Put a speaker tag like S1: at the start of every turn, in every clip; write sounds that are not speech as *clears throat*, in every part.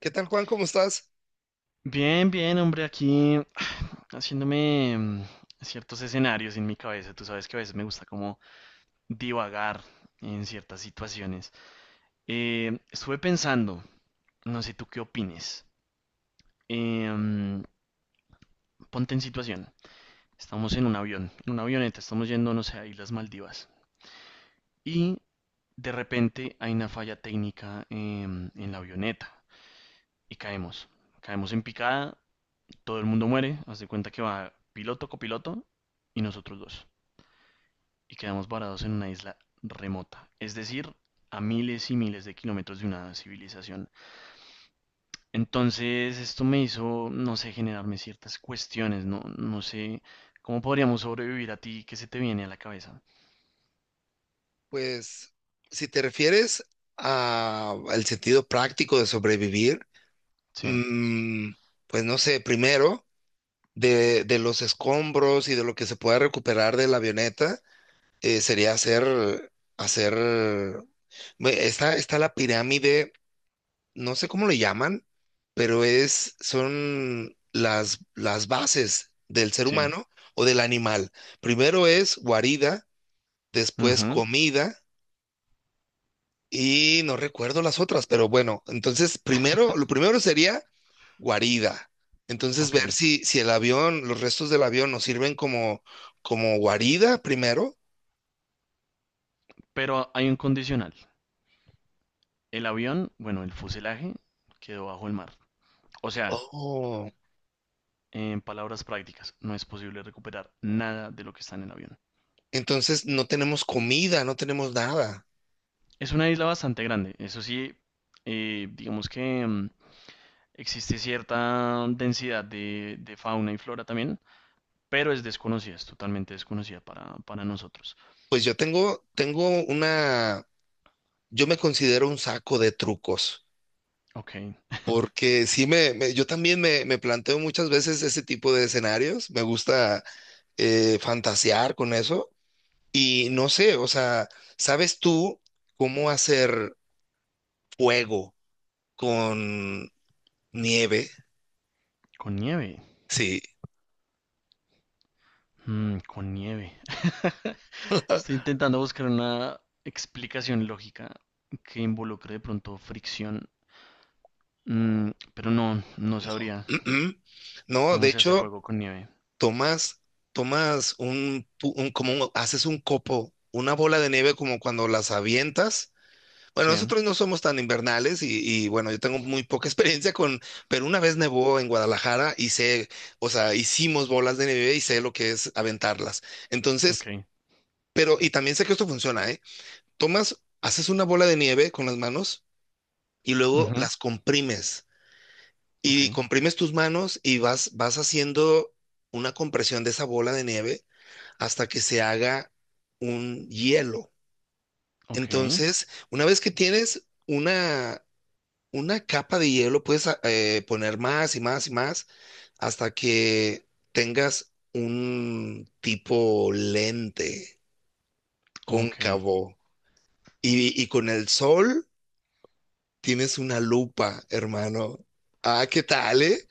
S1: ¿Qué tal, Juan? ¿Cómo estás?
S2: Bien, bien, hombre, aquí *sighs* haciéndome ciertos escenarios en mi cabeza. Tú sabes que a veces me gusta como divagar en ciertas situaciones. Estuve pensando, no sé tú qué opines. Eh, mm, ponte en situación. Estamos en un avión, en una avioneta, estamos yendo, no sé, a Islas Maldivas. Y de repente hay una falla técnica en la avioneta y caemos. Caemos en picada, todo el mundo muere, haz de cuenta que va piloto, copiloto y nosotros dos. Y quedamos varados en una isla remota, es decir, a miles y miles de kilómetros de una civilización. Entonces, esto me hizo, no sé, generarme ciertas cuestiones, no, sé cómo podríamos sobrevivir. A ti, que se te viene a la cabeza?
S1: Pues, si te refieres al sentido práctico de sobrevivir,
S2: Sí,
S1: mm, pues no sé, primero, de los escombros y de lo que se pueda recuperar de la avioneta, sería hacer, ve, está la pirámide, no sé cómo le llaman, pero son las bases del ser
S2: sí.
S1: humano o del animal. Primero es guarida, después
S2: Ujú.
S1: comida. Y no recuerdo las otras, pero bueno, entonces primero, lo primero sería guarida. Entonces
S2: Ok.
S1: ver si el avión, los restos del avión nos sirven como guarida primero.
S2: Pero hay un condicional. El avión, bueno, el fuselaje quedó bajo el mar. O sea,
S1: Oh,
S2: en palabras prácticas, no es posible recuperar nada de lo que está en el avión.
S1: entonces no tenemos comida, no tenemos nada.
S2: Es una isla bastante grande, eso sí, digamos que existe cierta densidad de fauna y flora también, pero es desconocida, es totalmente desconocida para nosotros.
S1: Pues yo tengo una, yo me considero un saco de trucos,
S2: Ok,
S1: porque sí yo también me planteo muchas veces ese tipo de escenarios. Me gusta fantasear con eso. Y no sé, o sea, ¿sabes tú cómo hacer fuego con nieve?
S2: con nieve.
S1: Sí,
S2: Mm, con nieve. *laughs* Estoy intentando buscar una explicación lógica que involucre de pronto fricción. Pero no
S1: no.
S2: sabría
S1: Mm, mm. No, de
S2: cómo se hace
S1: hecho,
S2: fuego con nieve.
S1: tomas, tomas un, pu- un- como un- haces un copo, una bola de nieve como cuando las avientas. Bueno,
S2: Sí,
S1: nosotros no somos tan invernales bueno, yo tengo muy poca *laughs* experiencia con, pero una vez nevó en Guadalajara y sé, o sea, hicimos bolas de nieve y sé lo que es aventarlas.
S2: ok.
S1: Entonces, pero, y también sé que esto funciona, ¿eh? Tomas, haces una bola de nieve con las manos y luego
S2: Ujú.
S1: las comprimes.
S2: Ok,
S1: Y comprimes tus manos y vas haciendo una compresión de esa bola de nieve hasta que se haga un hielo.
S2: ok,
S1: Entonces, una vez que tienes una capa de hielo, puedes poner más y más y más hasta que tengas un tipo lente
S2: ok.
S1: cóncavo. Y con el sol tienes una lupa, hermano. Ah, ¿qué tal, eh?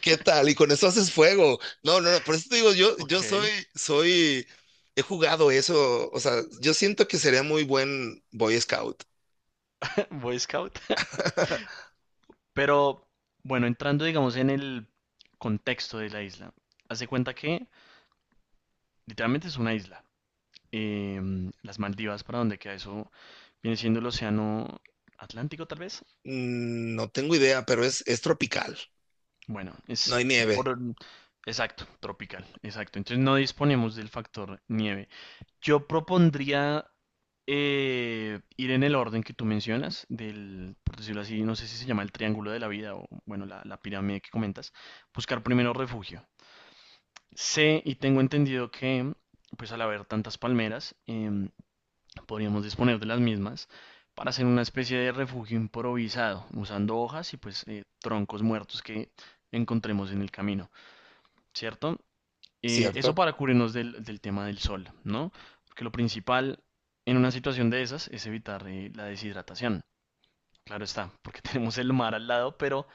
S1: ¿Qué tal? Y con eso haces fuego. No, no, no, por eso te digo, yo soy,
S2: Ok.
S1: soy, he jugado eso, o sea, yo siento que sería muy buen Boy Scout.
S2: *laughs* Boy Scout. *laughs* Pero bueno, entrando digamos en el contexto de la isla, hace cuenta que literalmente es una isla. Las Maldivas, para donde queda eso, viene siendo el océano Atlántico tal vez.
S1: Mm, no tengo idea, pero es tropical,
S2: Bueno,
S1: no
S2: es
S1: hay nieve,
S2: por... Exacto, tropical, exacto. Entonces no disponemos del factor nieve. Yo propondría ir en el orden que tú mencionas, del, por decirlo así, no sé si se llama el triángulo de la vida o, bueno, la pirámide que comentas, buscar primero refugio. Sé y tengo entendido que, pues al haber tantas palmeras, podríamos disponer de las mismas para hacer una especie de refugio improvisado, usando hojas y pues troncos muertos que encontremos en el camino, ¿cierto? Eso
S1: ¿cierto?
S2: para cubrirnos del, del tema del sol, ¿no? Porque lo principal en una situación de esas es evitar la deshidratación. Claro está, porque *laughs* tenemos el mar al lado, pero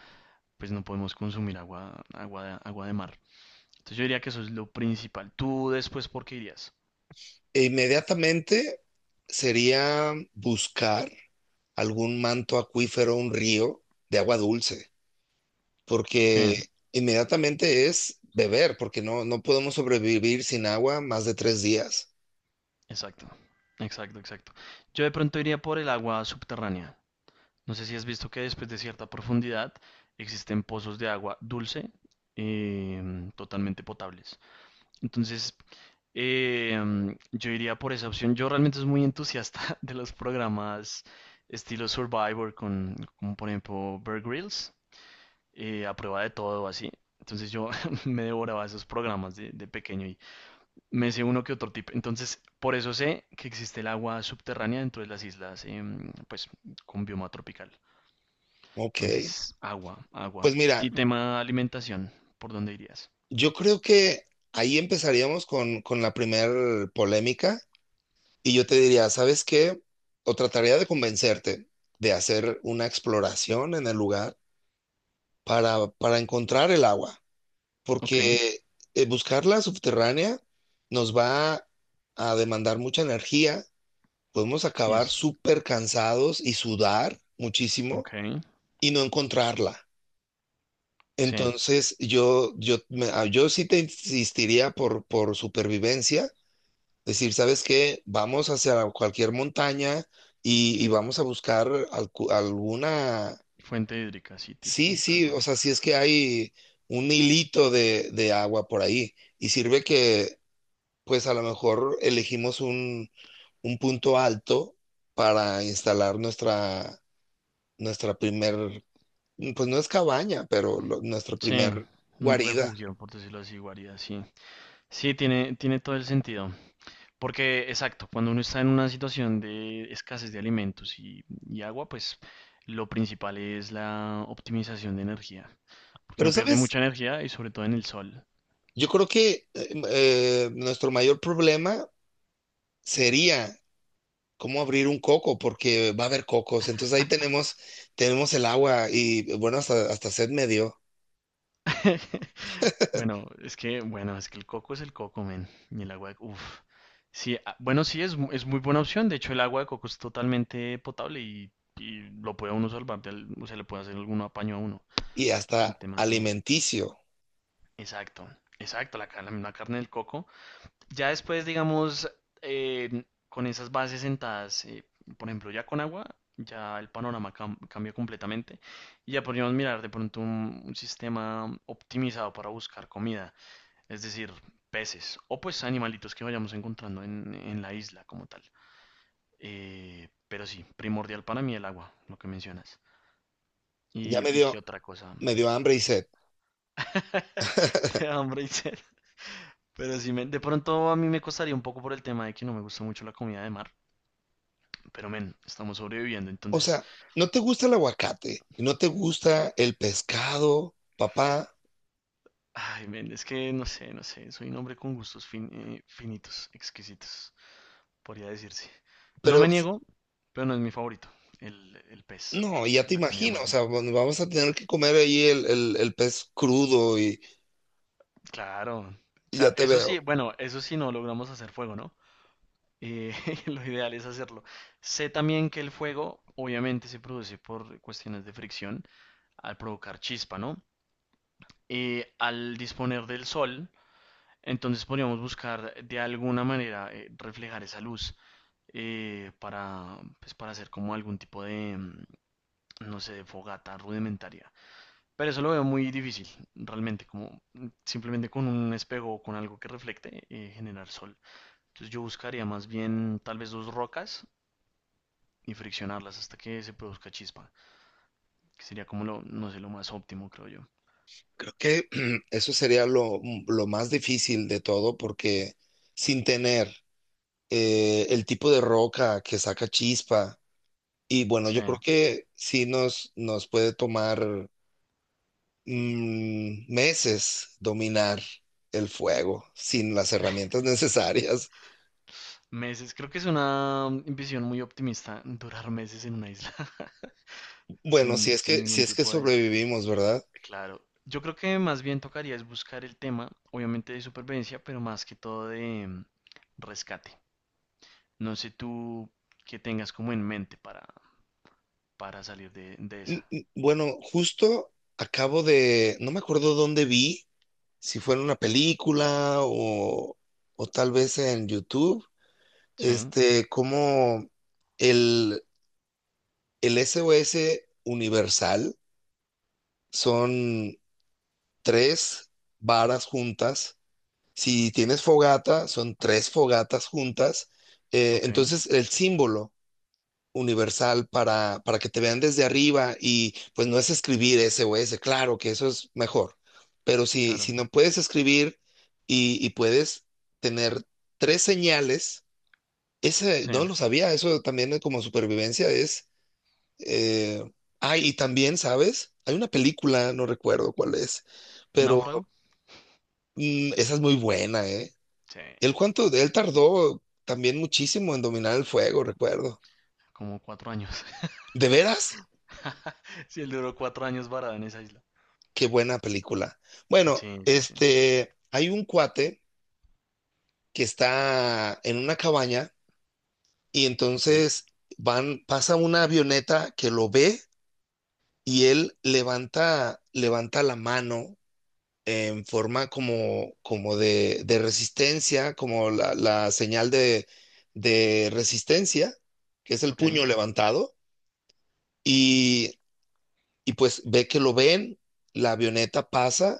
S2: pues no podemos consumir agua, agua de mar. Entonces yo diría que eso es lo principal. ¿Tú después por qué irías?
S1: E inmediatamente sería buscar algún manto acuífero, un río de agua dulce,
S2: Sí,
S1: porque inmediatamente es beber, porque no, no podemos sobrevivir sin agua más de 3 días.
S2: exacto, exacto, exacto. Yo de pronto iría por el agua subterránea. No sé si has visto que después de cierta profundidad existen pozos de agua dulce totalmente potables. Entonces, yo iría por esa opción. Yo realmente soy muy entusiasta *laughs* de los programas estilo Survivor, con, como por ejemplo Bear Grylls, a prueba de todo, así. Entonces yo *laughs* me devoraba esos programas de pequeño. Me sé uno que otro tip. Entonces, por eso sé que existe el agua subterránea dentro de las islas, pues con bioma tropical.
S1: Ok,
S2: Entonces, agua, agua.
S1: pues mira,
S2: Y tema alimentación, ¿por dónde irías?
S1: yo creo que ahí empezaríamos con la primer polémica y yo te diría, ¿sabes qué? O trataría de convencerte de hacer una exploración en el lugar para encontrar el agua,
S2: Ok,
S1: porque buscarla subterránea nos va a demandar mucha energía. Podemos acabar
S2: is,
S1: súper cansados y sudar muchísimo
S2: ok,
S1: y no encontrarla.
S2: sí.
S1: Entonces, yo sí te insistiría por supervivencia, decir, ¿sabes qué? Vamos hacia cualquier montaña y vamos a buscar alguna.
S2: Fuente hídrica, sí, til-
S1: Sí,
S2: tal
S1: sí,
S2: cual.
S1: o sea, si es que hay un hilito de agua por ahí y sirve que, pues a lo mejor elegimos un punto alto para instalar nuestra primer, pues no es cabaña, pero nuestra
S2: Sí,
S1: primer
S2: un
S1: guarida.
S2: refugio, por decirlo así, guarida, sí. Sí, tiene, tiene todo el sentido. Porque, exacto, cuando uno está en una situación de escasez de alimentos y agua, pues lo principal es la optimización de energía. Porque
S1: Pero,
S2: uno pierde
S1: ¿sabes?
S2: mucha energía y sobre todo en el sol.
S1: Yo creo que nuestro mayor problema sería cómo abrir un coco, porque va a haber cocos. Entonces ahí tenemos, tenemos el agua y bueno, hasta sed me dio
S2: *laughs* Bueno, es que el coco es el coco, men. Y el agua de... Uf. Sí, ah, bueno, sí, es, mu- es muy buena opción. De hecho, el agua de coco es totalmente potable y lo puede uno salvar, del- o sea, le puede hacer algún apaño a uno
S1: y
S2: en
S1: hasta
S2: temas de...
S1: alimenticio.
S2: Exacto, exacto, la, ca- la carne del coco. Ya después, digamos, eh, con esas bases sentadas, por ejemplo, ya con agua, ya el panorama cam- cambia completamente y ya podríamos mirar de pronto un sistema optimizado para buscar comida, es decir, peces o pues animalitos que vayamos encontrando en la isla como tal. Pero sí, primordial para mí el agua, lo que mencionas.
S1: Ya me
S2: Y qué
S1: dio,
S2: otra cosa?
S1: me dio hambre y sed.
S2: *laughs* Te da hambre y sed. Pero sí, me- de pronto a mí me costaría un poco por el tema de que no me gusta mucho la comida de mar. Pero, men, estamos sobreviviendo,
S1: O
S2: entonces,
S1: sea, no te gusta el aguacate, y no te gusta el pescado, papá,
S2: ay, men, es que no sé, no sé, soy un hombre con gustos fin- finitos, exquisitos, podría decirse. No
S1: pero
S2: me
S1: s-
S2: niego, pero no es mi favorito, el pez,
S1: no, ya te
S2: la comida
S1: imagino, o sea,
S2: marina.
S1: bueno, vamos a tener que comer ahí el pez crudo y,
S2: Claro,
S1: y ya
S2: cla-
S1: te
S2: eso
S1: veo.
S2: sí, bueno, eso sí no logramos hacer fuego, ¿no? Eh, *laughs* lo ideal es hacerlo. Sé también que el fuego, obviamente, se produce por cuestiones de fricción al provocar chispa, ¿no? Al disponer del sol, entonces podríamos buscar de alguna manera reflejar esa luz para, pues, para hacer como algún tipo de, no sé, de fogata rudimentaria. Pero eso lo veo muy difícil, realmente, como simplemente con un espejo o con algo que reflecte, generar sol. Entonces yo buscaría más bien tal vez dos rocas y friccionarlas hasta que se produzca chispa, que sería como lo, no sé, lo más óptimo, creo yo.
S1: Creo que *clears throat* eso sería lo más difícil de todo porque sin tener el tipo de roca que saca chispa, y bueno,
S2: Sí.
S1: yo creo que sí nos puede tomar meses dominar el fuego sin las herramientas *laughs* necesarias.
S2: Meses, creo que es una visión muy optimista durar meses en una isla. *laughs*
S1: Bueno, si
S2: Sin,
S1: es
S2: sin
S1: que, si
S2: ningún
S1: es que
S2: tipo de...
S1: sobrevivimos, ¿verdad?
S2: Claro, yo creo que más bien tocaría es buscar el tema, obviamente de supervivencia, pero más que todo de rescate. No sé tú qué tengas como en mente para salir de esa.
S1: Bueno, justo acabo no me acuerdo dónde vi, si fue en una película o tal vez en YouTube,
S2: Sí,
S1: como el, el SOS universal son tres varas juntas. Si tienes fogata, son tres fogatas juntas.
S2: ok,
S1: Entonces, el símbolo universal para que te vean desde arriba y pues no es escribir ese o ese, claro que eso es mejor. Pero si
S2: claro.
S1: no puedes escribir y puedes tener tres señales, ese
S2: Sí,
S1: no lo sabía, eso también es como supervivencia es. eh, y también, ¿sabes? Hay una película, no recuerdo cuál es, pero
S2: náufrago.
S1: esa es muy buena, eh.
S2: Sí,
S1: Él cuánto, él tardó también muchísimo en dominar el fuego, recuerdo.
S2: como cuatro años.
S1: ¿De veras?
S2: *laughs* Sí, él duró cuatro años varado en esa isla.
S1: Qué buena película. Bueno,
S2: Sí, sí, sí.
S1: hay un cuate que está en una cabaña y
S2: Ok,
S1: entonces van, pasa una avioneta que lo ve y él levanta la mano en forma como de resistencia, como la señal de resistencia, que es el
S2: ok,
S1: puño levantado. Y Y pues ve que lo ven, la avioneta pasa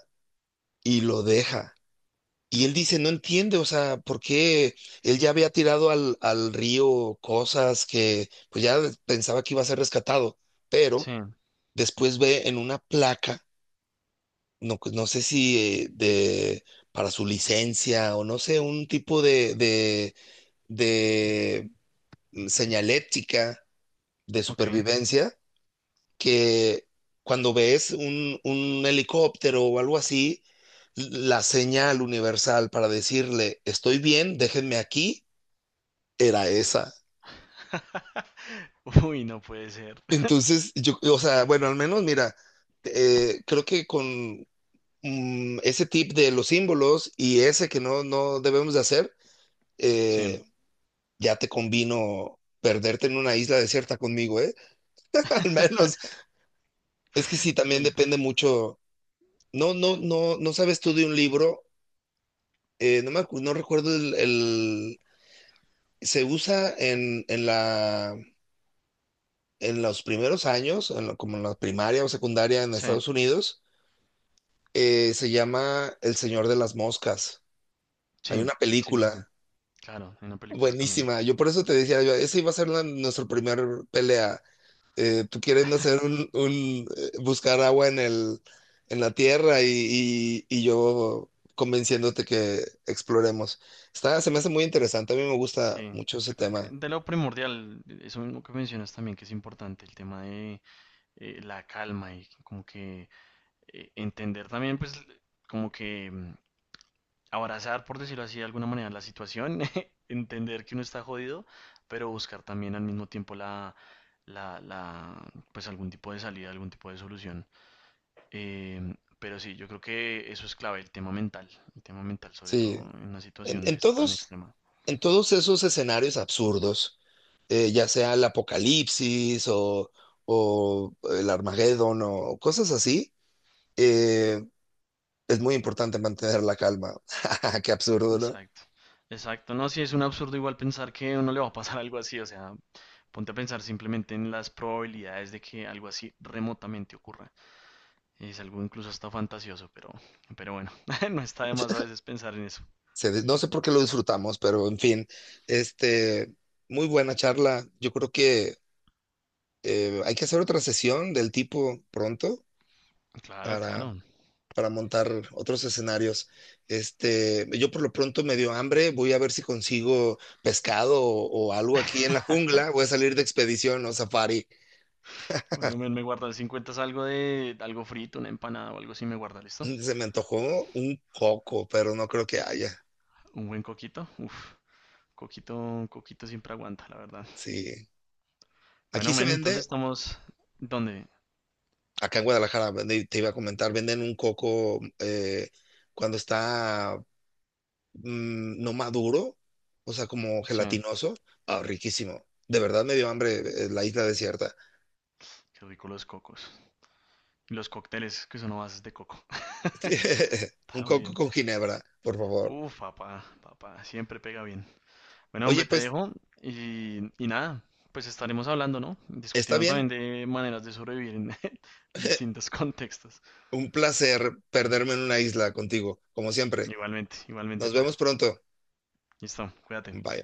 S1: y lo deja. Y él dice, no entiende, o sea, ¿por qué él ya había tirado al río cosas que pues ya pensaba que iba a ser rescatado?
S2: sí,
S1: Pero después ve en una placa, no, pues, no sé si eh, de, para su licencia o no sé, un tipo de señalética de
S2: ok.
S1: supervivencia que cuando ves un helicóptero o algo así, la señal universal para decirle, estoy bien, déjenme aquí, era esa.
S2: *laughs* Uy, no puede ser.
S1: Entonces, yo, o sea, bueno, al menos mira, creo que con ese tip de los símbolos y ese que no, no debemos de hacer,
S2: Sí.
S1: eh, ya te convino perderte en una isla desierta conmigo, ¿eh? *laughs* Al menos,
S2: *laughs*
S1: es que sí, también
S2: No.
S1: depende mucho. No, no, no, no sabes tú de un libro, no recuerdo se usa en los primeros años, como en la primaria o secundaria en
S2: Sí,
S1: Estados Unidos, se llama El Señor de las Moscas. Hay
S2: sí,
S1: una
S2: sí, sí,
S1: película
S2: sí. Claro, en una película también.
S1: buenísima. Yo por eso te decía, yo, esa iba a ser nuestra primera pelea. Tú quieres hacer buscar agua en la tierra, y yo convenciéndote que exploremos. Está, se me hace muy interesante. A mí me gusta
S2: Sí,
S1: mucho ese
S2: yo creo que
S1: tema.
S2: de lo primordial, eso mismo que mencionas también, que es importante, el tema de la calma y como que entender también, pues, como que abrazar, por decirlo así, de alguna manera, la situación, *laughs* entender que uno está jodido, pero buscar también al mismo tiempo la, pues, algún tipo de salida, algún tipo de solución. Pero sí, yo creo que eso es clave, el tema mental sobre
S1: Sí,
S2: todo en una
S1: en,
S2: situación de
S1: en
S2: esa tan
S1: todos,
S2: extrema.
S1: en todos esos escenarios absurdos, ya sea el apocalipsis o el Armagedón o cosas así, eh, es muy importante mantener la calma. *laughs* Qué absurdo, ¿no?
S2: Exacto, exacto. No, sí es un absurdo igual pensar que a uno le va a pasar *laughs* algo así, o sea, ponte a pensar simplemente en las probabilidades de que algo así remotamente ocurra. Es algo incluso hasta fantasioso, pero bueno, *laughs* no está de más a veces pensar en eso.
S1: No sé por qué lo disfrutamos, pero en fin, este, muy buena charla. Yo creo que hay que hacer otra sesión del tipo pronto
S2: Claro,
S1: para
S2: claro.
S1: montar otros escenarios. Yo por lo pronto me dio hambre, voy a ver si consigo pescado o algo aquí en la jungla, voy a salir de expedición o safari.
S2: Bueno, men, me guarda, si encuentras algo de algo frito, una empanada o algo así, me guarda, ¿listo?
S1: Mm, se me antojó un coco, pero no creo que haya.
S2: Un buen coquito, uff, coquito, coquito siempre aguanta, la verdad.
S1: Sí. Aquí
S2: Bueno,
S1: se
S2: men, entonces
S1: vende,
S2: estamos. ¿Dónde?
S1: acá en Guadalajara, te iba a comentar, venden un coco cuando está no maduro, o sea, como
S2: Sí.
S1: gelatinoso. Ah, riquísimo. De verdad me dio hambre, la isla desierta.
S2: Qué rico los cocos. Y los cócteles que son a bases de coco. *laughs*
S1: *laughs* Un coco
S2: También.
S1: con ginebra, por favor.
S2: Uf, papá, papá, siempre pega bien. Bueno,
S1: Oye,
S2: hombre, te
S1: pues,
S2: dejo y nada, pues estaremos hablando, ¿no?
S1: está
S2: Discutiendo también
S1: bien.
S2: de maneras de sobrevivir en *laughs* distintos contextos.
S1: Un placer perderme en una isla contigo, como siempre.
S2: Igualmente, igualmente,
S1: Nos
S2: pa.
S1: vemos pronto.
S2: Listo, cuídate.
S1: Bye.